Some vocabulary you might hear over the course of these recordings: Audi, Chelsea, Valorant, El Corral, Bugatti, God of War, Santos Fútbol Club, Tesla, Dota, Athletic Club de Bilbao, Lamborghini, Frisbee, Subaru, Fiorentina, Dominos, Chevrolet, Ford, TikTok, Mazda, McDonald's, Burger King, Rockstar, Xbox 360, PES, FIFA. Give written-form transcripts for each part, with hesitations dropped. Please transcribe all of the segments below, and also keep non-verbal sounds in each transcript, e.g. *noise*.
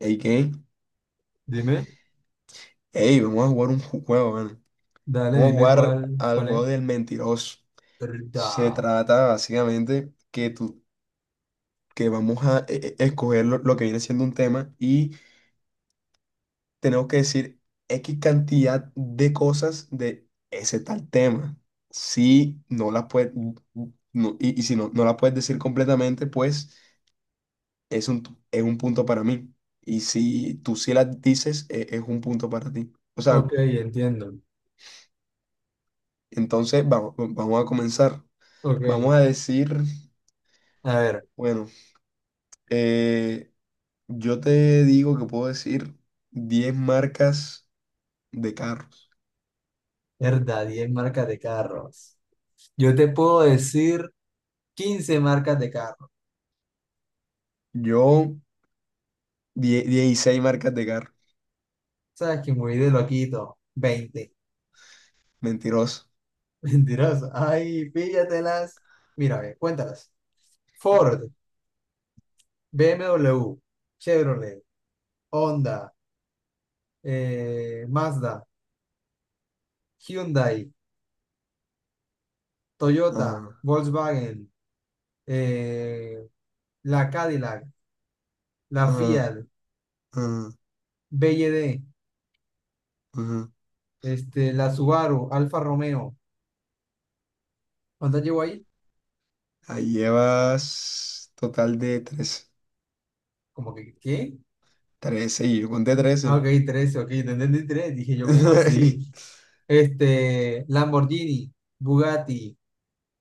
Ey, ¿qué? Dime, Ey, vamos a jugar un juego, man. dale, Vamos a dime jugar cuál, al cuál juego es. del mentiroso. Herda. Se trata básicamente que tú, que vamos a escoger lo que viene siendo un tema y tenemos que decir X cantidad de cosas de ese tal tema. Si no las puedes, y si no, no las puedes decir completamente, pues es un punto para mí. Y si tú sí las dices, es un punto para ti. O sea, Ok, entiendo. entonces vamos a comenzar. Ok. Vamos a decir, A ver, bueno, eh, yo te digo que puedo decir 10 marcas de carros. herda, 10 marcas de carros. Yo te puedo decir 15 marcas de carros. Yo, 16 marcas de carros. Sabes que muy de loquito. 20. Mentiroso. *laughs* Mentiroso. Ay, píllatelas. Mira, ve, cuéntalas. Ford, BMW, Chevrolet, Honda, Mazda, Hyundai, Toyota, Ajá, Volkswagen, eh, la Cadillac, la ajá, Fiat. ajá, BYD, ajá. este, la Subaru, Alfa Romeo. ¿Cuántas llevo ahí? Ahí llevas total de 13. Como que, ¿qué? Trece y yo conté Ah, 13. ok, 13, ok, te entendí tres, dije yo, ¿como así? *laughs* Este, Lamborghini, Bugatti,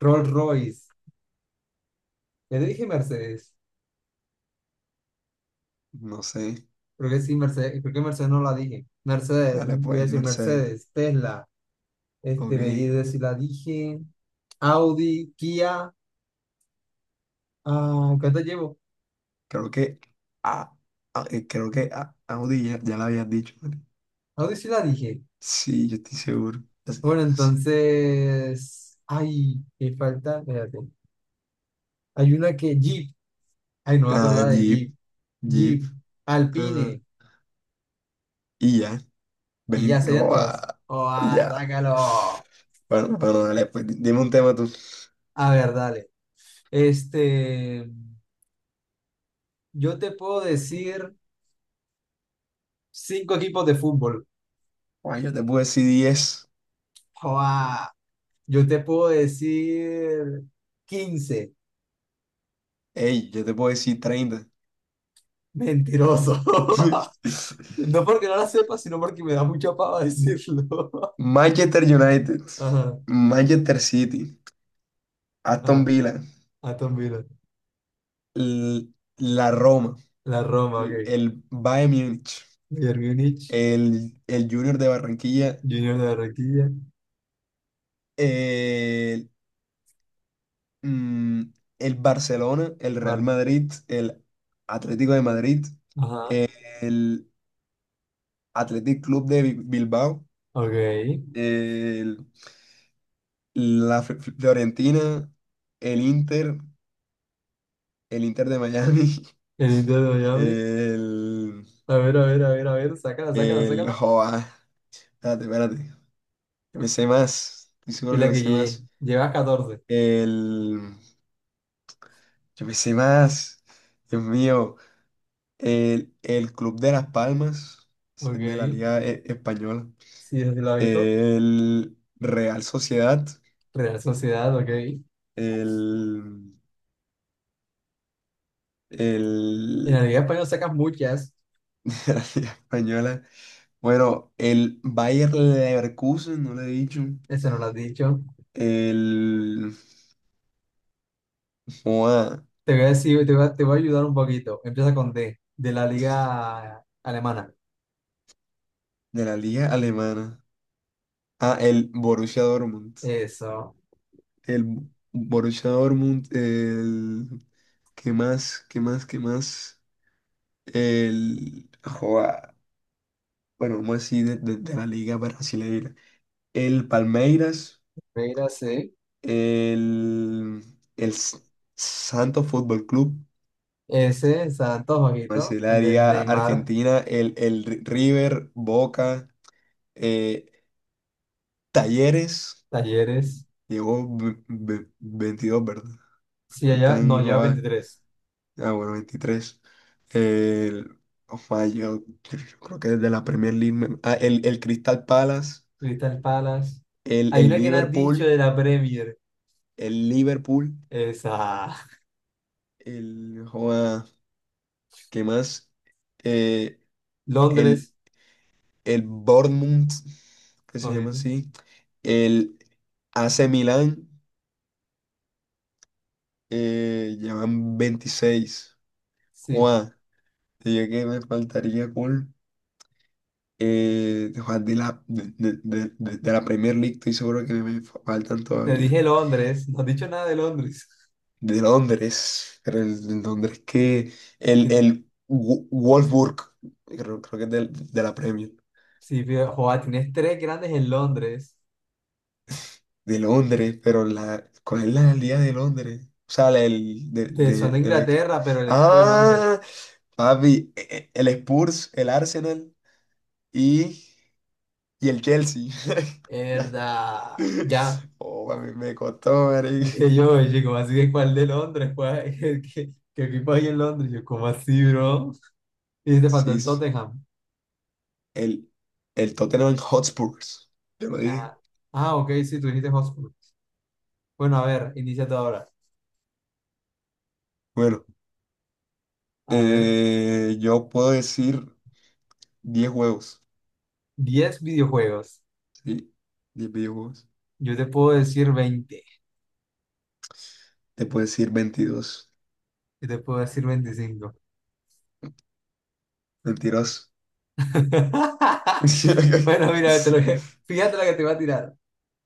Rolls Royce. Ya te dije Mercedes. No sé. Creo que sí, Mercedes, creo que Mercedes no la dije. Mercedes, Dale voy a pues, decir Mercedes. Mercedes, Tesla, este, B Y Ok. D sí la dije. Audi, Kia, ah, ¿cuántas llevo? Creo que, ah, creo que Audi ya la habías dicho. Audi sí la dije. Sí, yo estoy seguro. Bueno, entonces, ay, me falta, espérate. Hay una que Jeep. Ay, no me Ah, acordaba de Jeep, Jeep. Jeep. Jeep, Ah, Alpine. y ya, Y ya 20, serían oh, todas. ah, ¡Oh, ah, ya. sácalo! Bueno, bueno, dale, pues dime un tema tú. A ver, dale. Este, yo te puedo decir cinco equipos de fútbol. Ay, yo te puedo decir 10. ¡Oh, ah! Yo te puedo decir quince. Ey, yo te puedo decir 30. Mentiroso. *laughs* *laughs* No porque no la sepa, sino porque me da mucha pava decirlo. Manchester United, *laughs* Ajá, Manchester City, Aston ajá. Villa, Aston Villa. l- la Roma, La Roma, el, ok. el Bayern Múnich, Bayern Múnich, el Junior de Barranquilla, Junior de Barranquilla. el mm, el Barcelona, el Real Vale. Madrid, el Atlético de Madrid, Ajá. el Athletic Club de Bilbao, Ok. El el, la Fiorentina, el Inter, el Inter de Miami. *laughs* Inter de Miami. el, A ver, a ver, a ver, a ver. Sácala, sácala, sácala. joa, espérate, espérate, que me sé más, estoy Y seguro que la me que sé llegué. más, Llevas 14. el, yo me sé más, Dios mío, el Club de Las Palmas. Ese es de la Ok. Liga Española. Sí, desde la Vico. El Real Sociedad, Real Sociedad, ok. En el, el la Liga Española sacas muchas. *laughs* La Liga Española, bueno, el Bayer Leverkusen, no lo he dicho. Esa no la has dicho. El joda, Te voy a decir. Te voy a ayudar un poquito. Empieza con D. De la Liga Alemana. de la Liga Alemana, el Borussia Dortmund, Eso. el Borussia Dortmund. El, ¿qué más? ¿Qué más? ¿Qué más? El joda, bueno, vamos a decir de la Liga Brasileira, el Palmeiras. Mira, sí. El, el Santos Fútbol Club, Ese, Santos, más ojito. el El del área Neymar. argentina, el River, Boca, eh, Talleres, Talleres. llegó 22, ¿verdad? Sí, allá. Faltan, No, lleva joder, 23. Bueno, 23. El, ojo, yo creo que de la Premier League, el Crystal Palace, Crystal Palace. el, Hay el una que no has dicho de Liverpool, la Premier. el Liverpool, Es a el, joder, ¿qué más? Eh, el Londres. el Bournemouth, que se Oye, llama ¿no? así, el AC Milan, llevan 26. Sí, Juan, diría que me faltaría con de, Juan, de la Premier League, estoy seguro que me faltan te todavía. dije Londres. No has dicho nada de Londres. De Londres, pero el, de Londres que el, Tien- el Wolfsburg, creo que es de la Premier. Sí, fíjate, joa, tienes tres grandes en Londres. De Londres, pero la, ¿cuál es la alcaldía de Londres? O sea, la del, de, Te son de, de de lo aquí. Inglaterra, pero el equipo de Londres. Ah, papi, el Spurs, el Arsenal y, y el Chelsea. *laughs* Ya. Verdad. Ya. Oh, papi, me costó, marica. Dije yo, oye, ¿cómo así que cuál de Londres? ¿Cuál- *laughs* ¿Qué equipo hay en Londres? Yo, ¿cómo así, bro? Y te faltó Sí, el sí. Tottenham. El, el Tottenham Hotspurs. Te lo dije. Ah, ah, ok, sí, tú dijiste Hotspur. Bueno, a ver, inicia tú ahora. Bueno, A ver, yo puedo decir 10 juegos. 10 videojuegos. Sí, 10 videojuegos. Yo te puedo decir 20. Te puedo decir 22. Y te puedo decir 25. Mentiroso. *laughs* Bueno, mira, *laughs* fíjate lo que te va a tirar.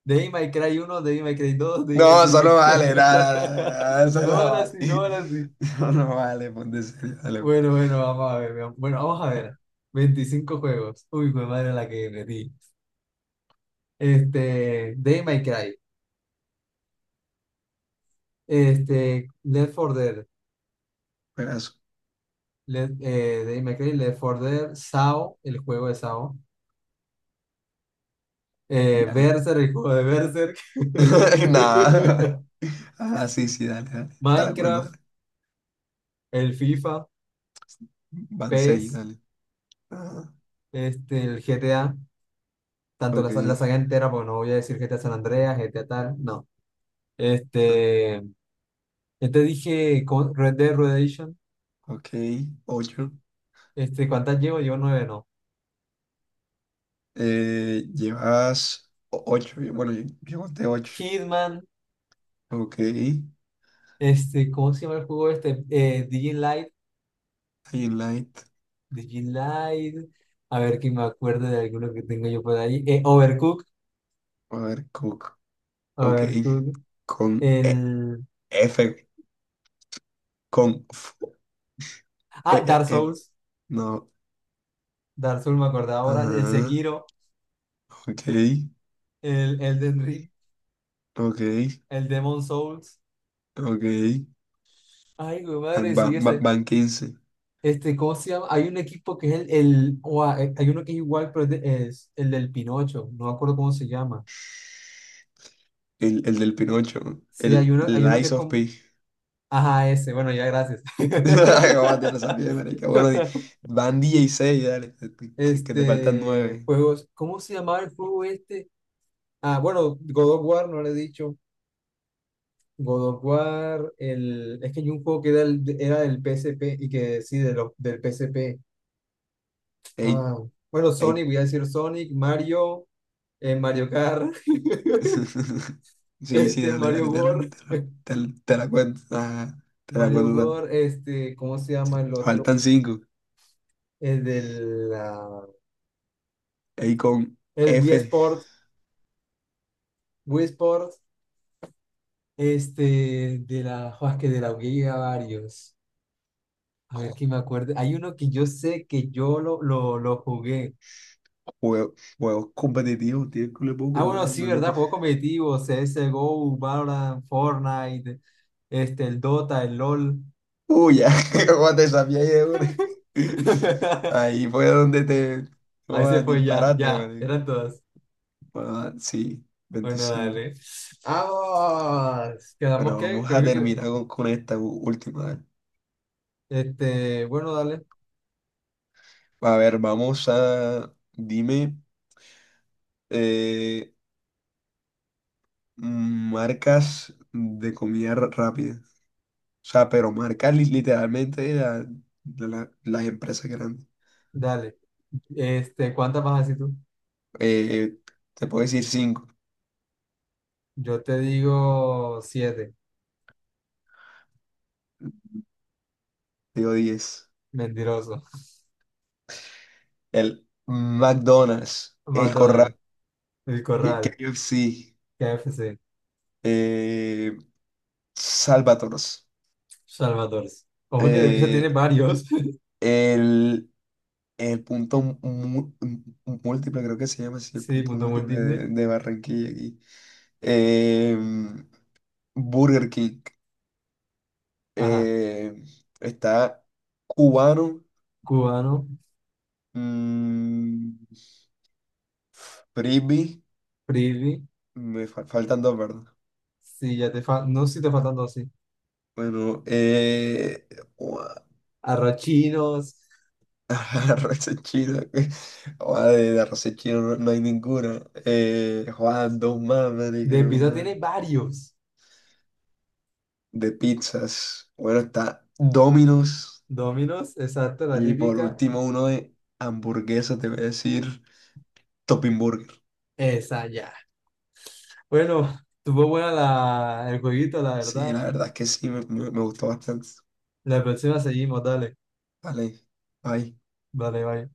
Devil May Cry 1, Devil May Cry 2, Devil May No, Cry eso no 3. vale, no, no, no, no, *laughs* no, no, eso No no van vale. así, no van *laughs* así. Eso no vale, ponte serio, dale, Bueno, bueno, vamos a ver. Veamos. Bueno, vamos a ver. 25 juegos. Uy, qué madre la que metí. Este, Devil May Cry. Este, Left 4 Dead. pedazo, Left, Devil May Cry, Left 4 Dead, SAO, el juego de SAO. Ya. Berserk, el juego de Berserk. *laughs* Nada. Ah, sí, sí, dale, dale. *laughs* Para cuándo, Minecraft. dale. El FIFA, Van seis, PES, dale. Ajá, este, el GTA, tanto la, ok, sa- la saga entera, porque no voy a decir GTA San Andreas, GTA tal, no. ajá, Este, ya te dije, ¿cómo? Red Dead Redemption, ok, ocho. este, ¿cuántas llevo? Llevo nueve, no. Llevas ocho, bueno, yo conté ocho. Hitman, Ok, este, ¿cómo se llama el juego este? Light, highlight, Light, a ver que me acuerdo de alguno que tengo yo por ahí. Overcooked, a ver, cook, ok, Overcooked, con el... F, con F, e- Ah, Dark e- e- Souls, no, Dark Souls me acordaba ahora, el ajá. Sekiro, Ok, el Elden Ring, ok, el Demon Souls. ok. Ay, mi Van, madre, sí, van, van- ese, van 15. este, ¿cómo se llama? Hay un equipo que es hay uno que es igual, pero es, es el del Pinocho, no me acuerdo cómo se llama. El del Pinocho. Sí, hay El uno, hay uno que Lies es of como, P. ajá, ese, bueno, ya, gracias. *laughs* Acabate la sabía, marica. Bueno, *laughs* van 16, dale. Que te faltan Este, nueve. juegos, ¿cómo se llamaba el juego este? Ah, bueno, God of War, no le he dicho. God of War, es que hay un juego que era, era del PSP y que sí, de los del PSP. Ey, Ah, bueno, ey. Sonic, voy a decir Sonic, Mario, Mario Kart. *laughs* *laughs* Sí, sí, Este, dale, dale, Mario te, la- World, te, la te- la- te la cuento. Ajá, te la Mario cuento también. World, este, ¿cómo se llama el otro? Faltan cinco. El del, la- Ey, con El Wii F. Sport, Wii Sport, este, de la, jo, es que de la Wii había varios. A ver quién me acuerde. Hay uno que yo sé que yo lo jugué. Juegos competitivos, tío, culo poco, Ah, no, bueno, sí, no han ¿verdad? dicho. Juegos competitivos, CSGO, Valorant, Fortnite, este, el Dota, el LOL. Uy, ya, *laughs* como te sabía ahí, de. *laughs* *laughs* Ahí fue donde te. Ahí se Como fue ya, disparate, ya, marica. eran todas. Bueno, sí, Bueno, 25. dale. ¡Vamos! ¿Quedamos Pero qué? vamos Creo a que, qued- terminar con esta última. Dale. este, bueno, dale, A ver, vamos a. Dime, eh, marcas de comida rápida. O sea, pero marcas literalmente las empresas grandes. dale. Este, ¿cuántas vas así tú? Eh, te puedo decir cinco, Yo te digo siete, digo 10. mentiroso. El McDonald's, *laughs* el Corral. McDonald's, El Corral, KFC, KFC, eh, Salvatoros, Salvador. Ojo que de pizza tiene eh, varios. *laughs* el, el punto múltiple, creo que se llama así, el Sí, punto punto múltiple múltiple. de Barranquilla aquí. em, Burger King, Ajá. eh, está Cubano, Cubano, mm, Frisbee, Frisbee. me faltan dos, ¿verdad? Sí, ya te faltan, no, si te faltan dos, sí. Bueno, Arrochinos. *laughs* La raza china, güey. Joder, de la raza china no, no hay ninguna. Juan, dos más, marica, De dos pizza más. tiene varios. De pizzas. Bueno, está Domino's. Dominos, exacto, la Y por típica. último, uno de hamburguesas, te voy a decir Topping Burger. Esa ya. Bueno, tuvo buena la, el jueguito, la Sí, verdad. la verdad es que sí, me gustó bastante. La próxima seguimos, dale. Vale, bye. Vale, bye.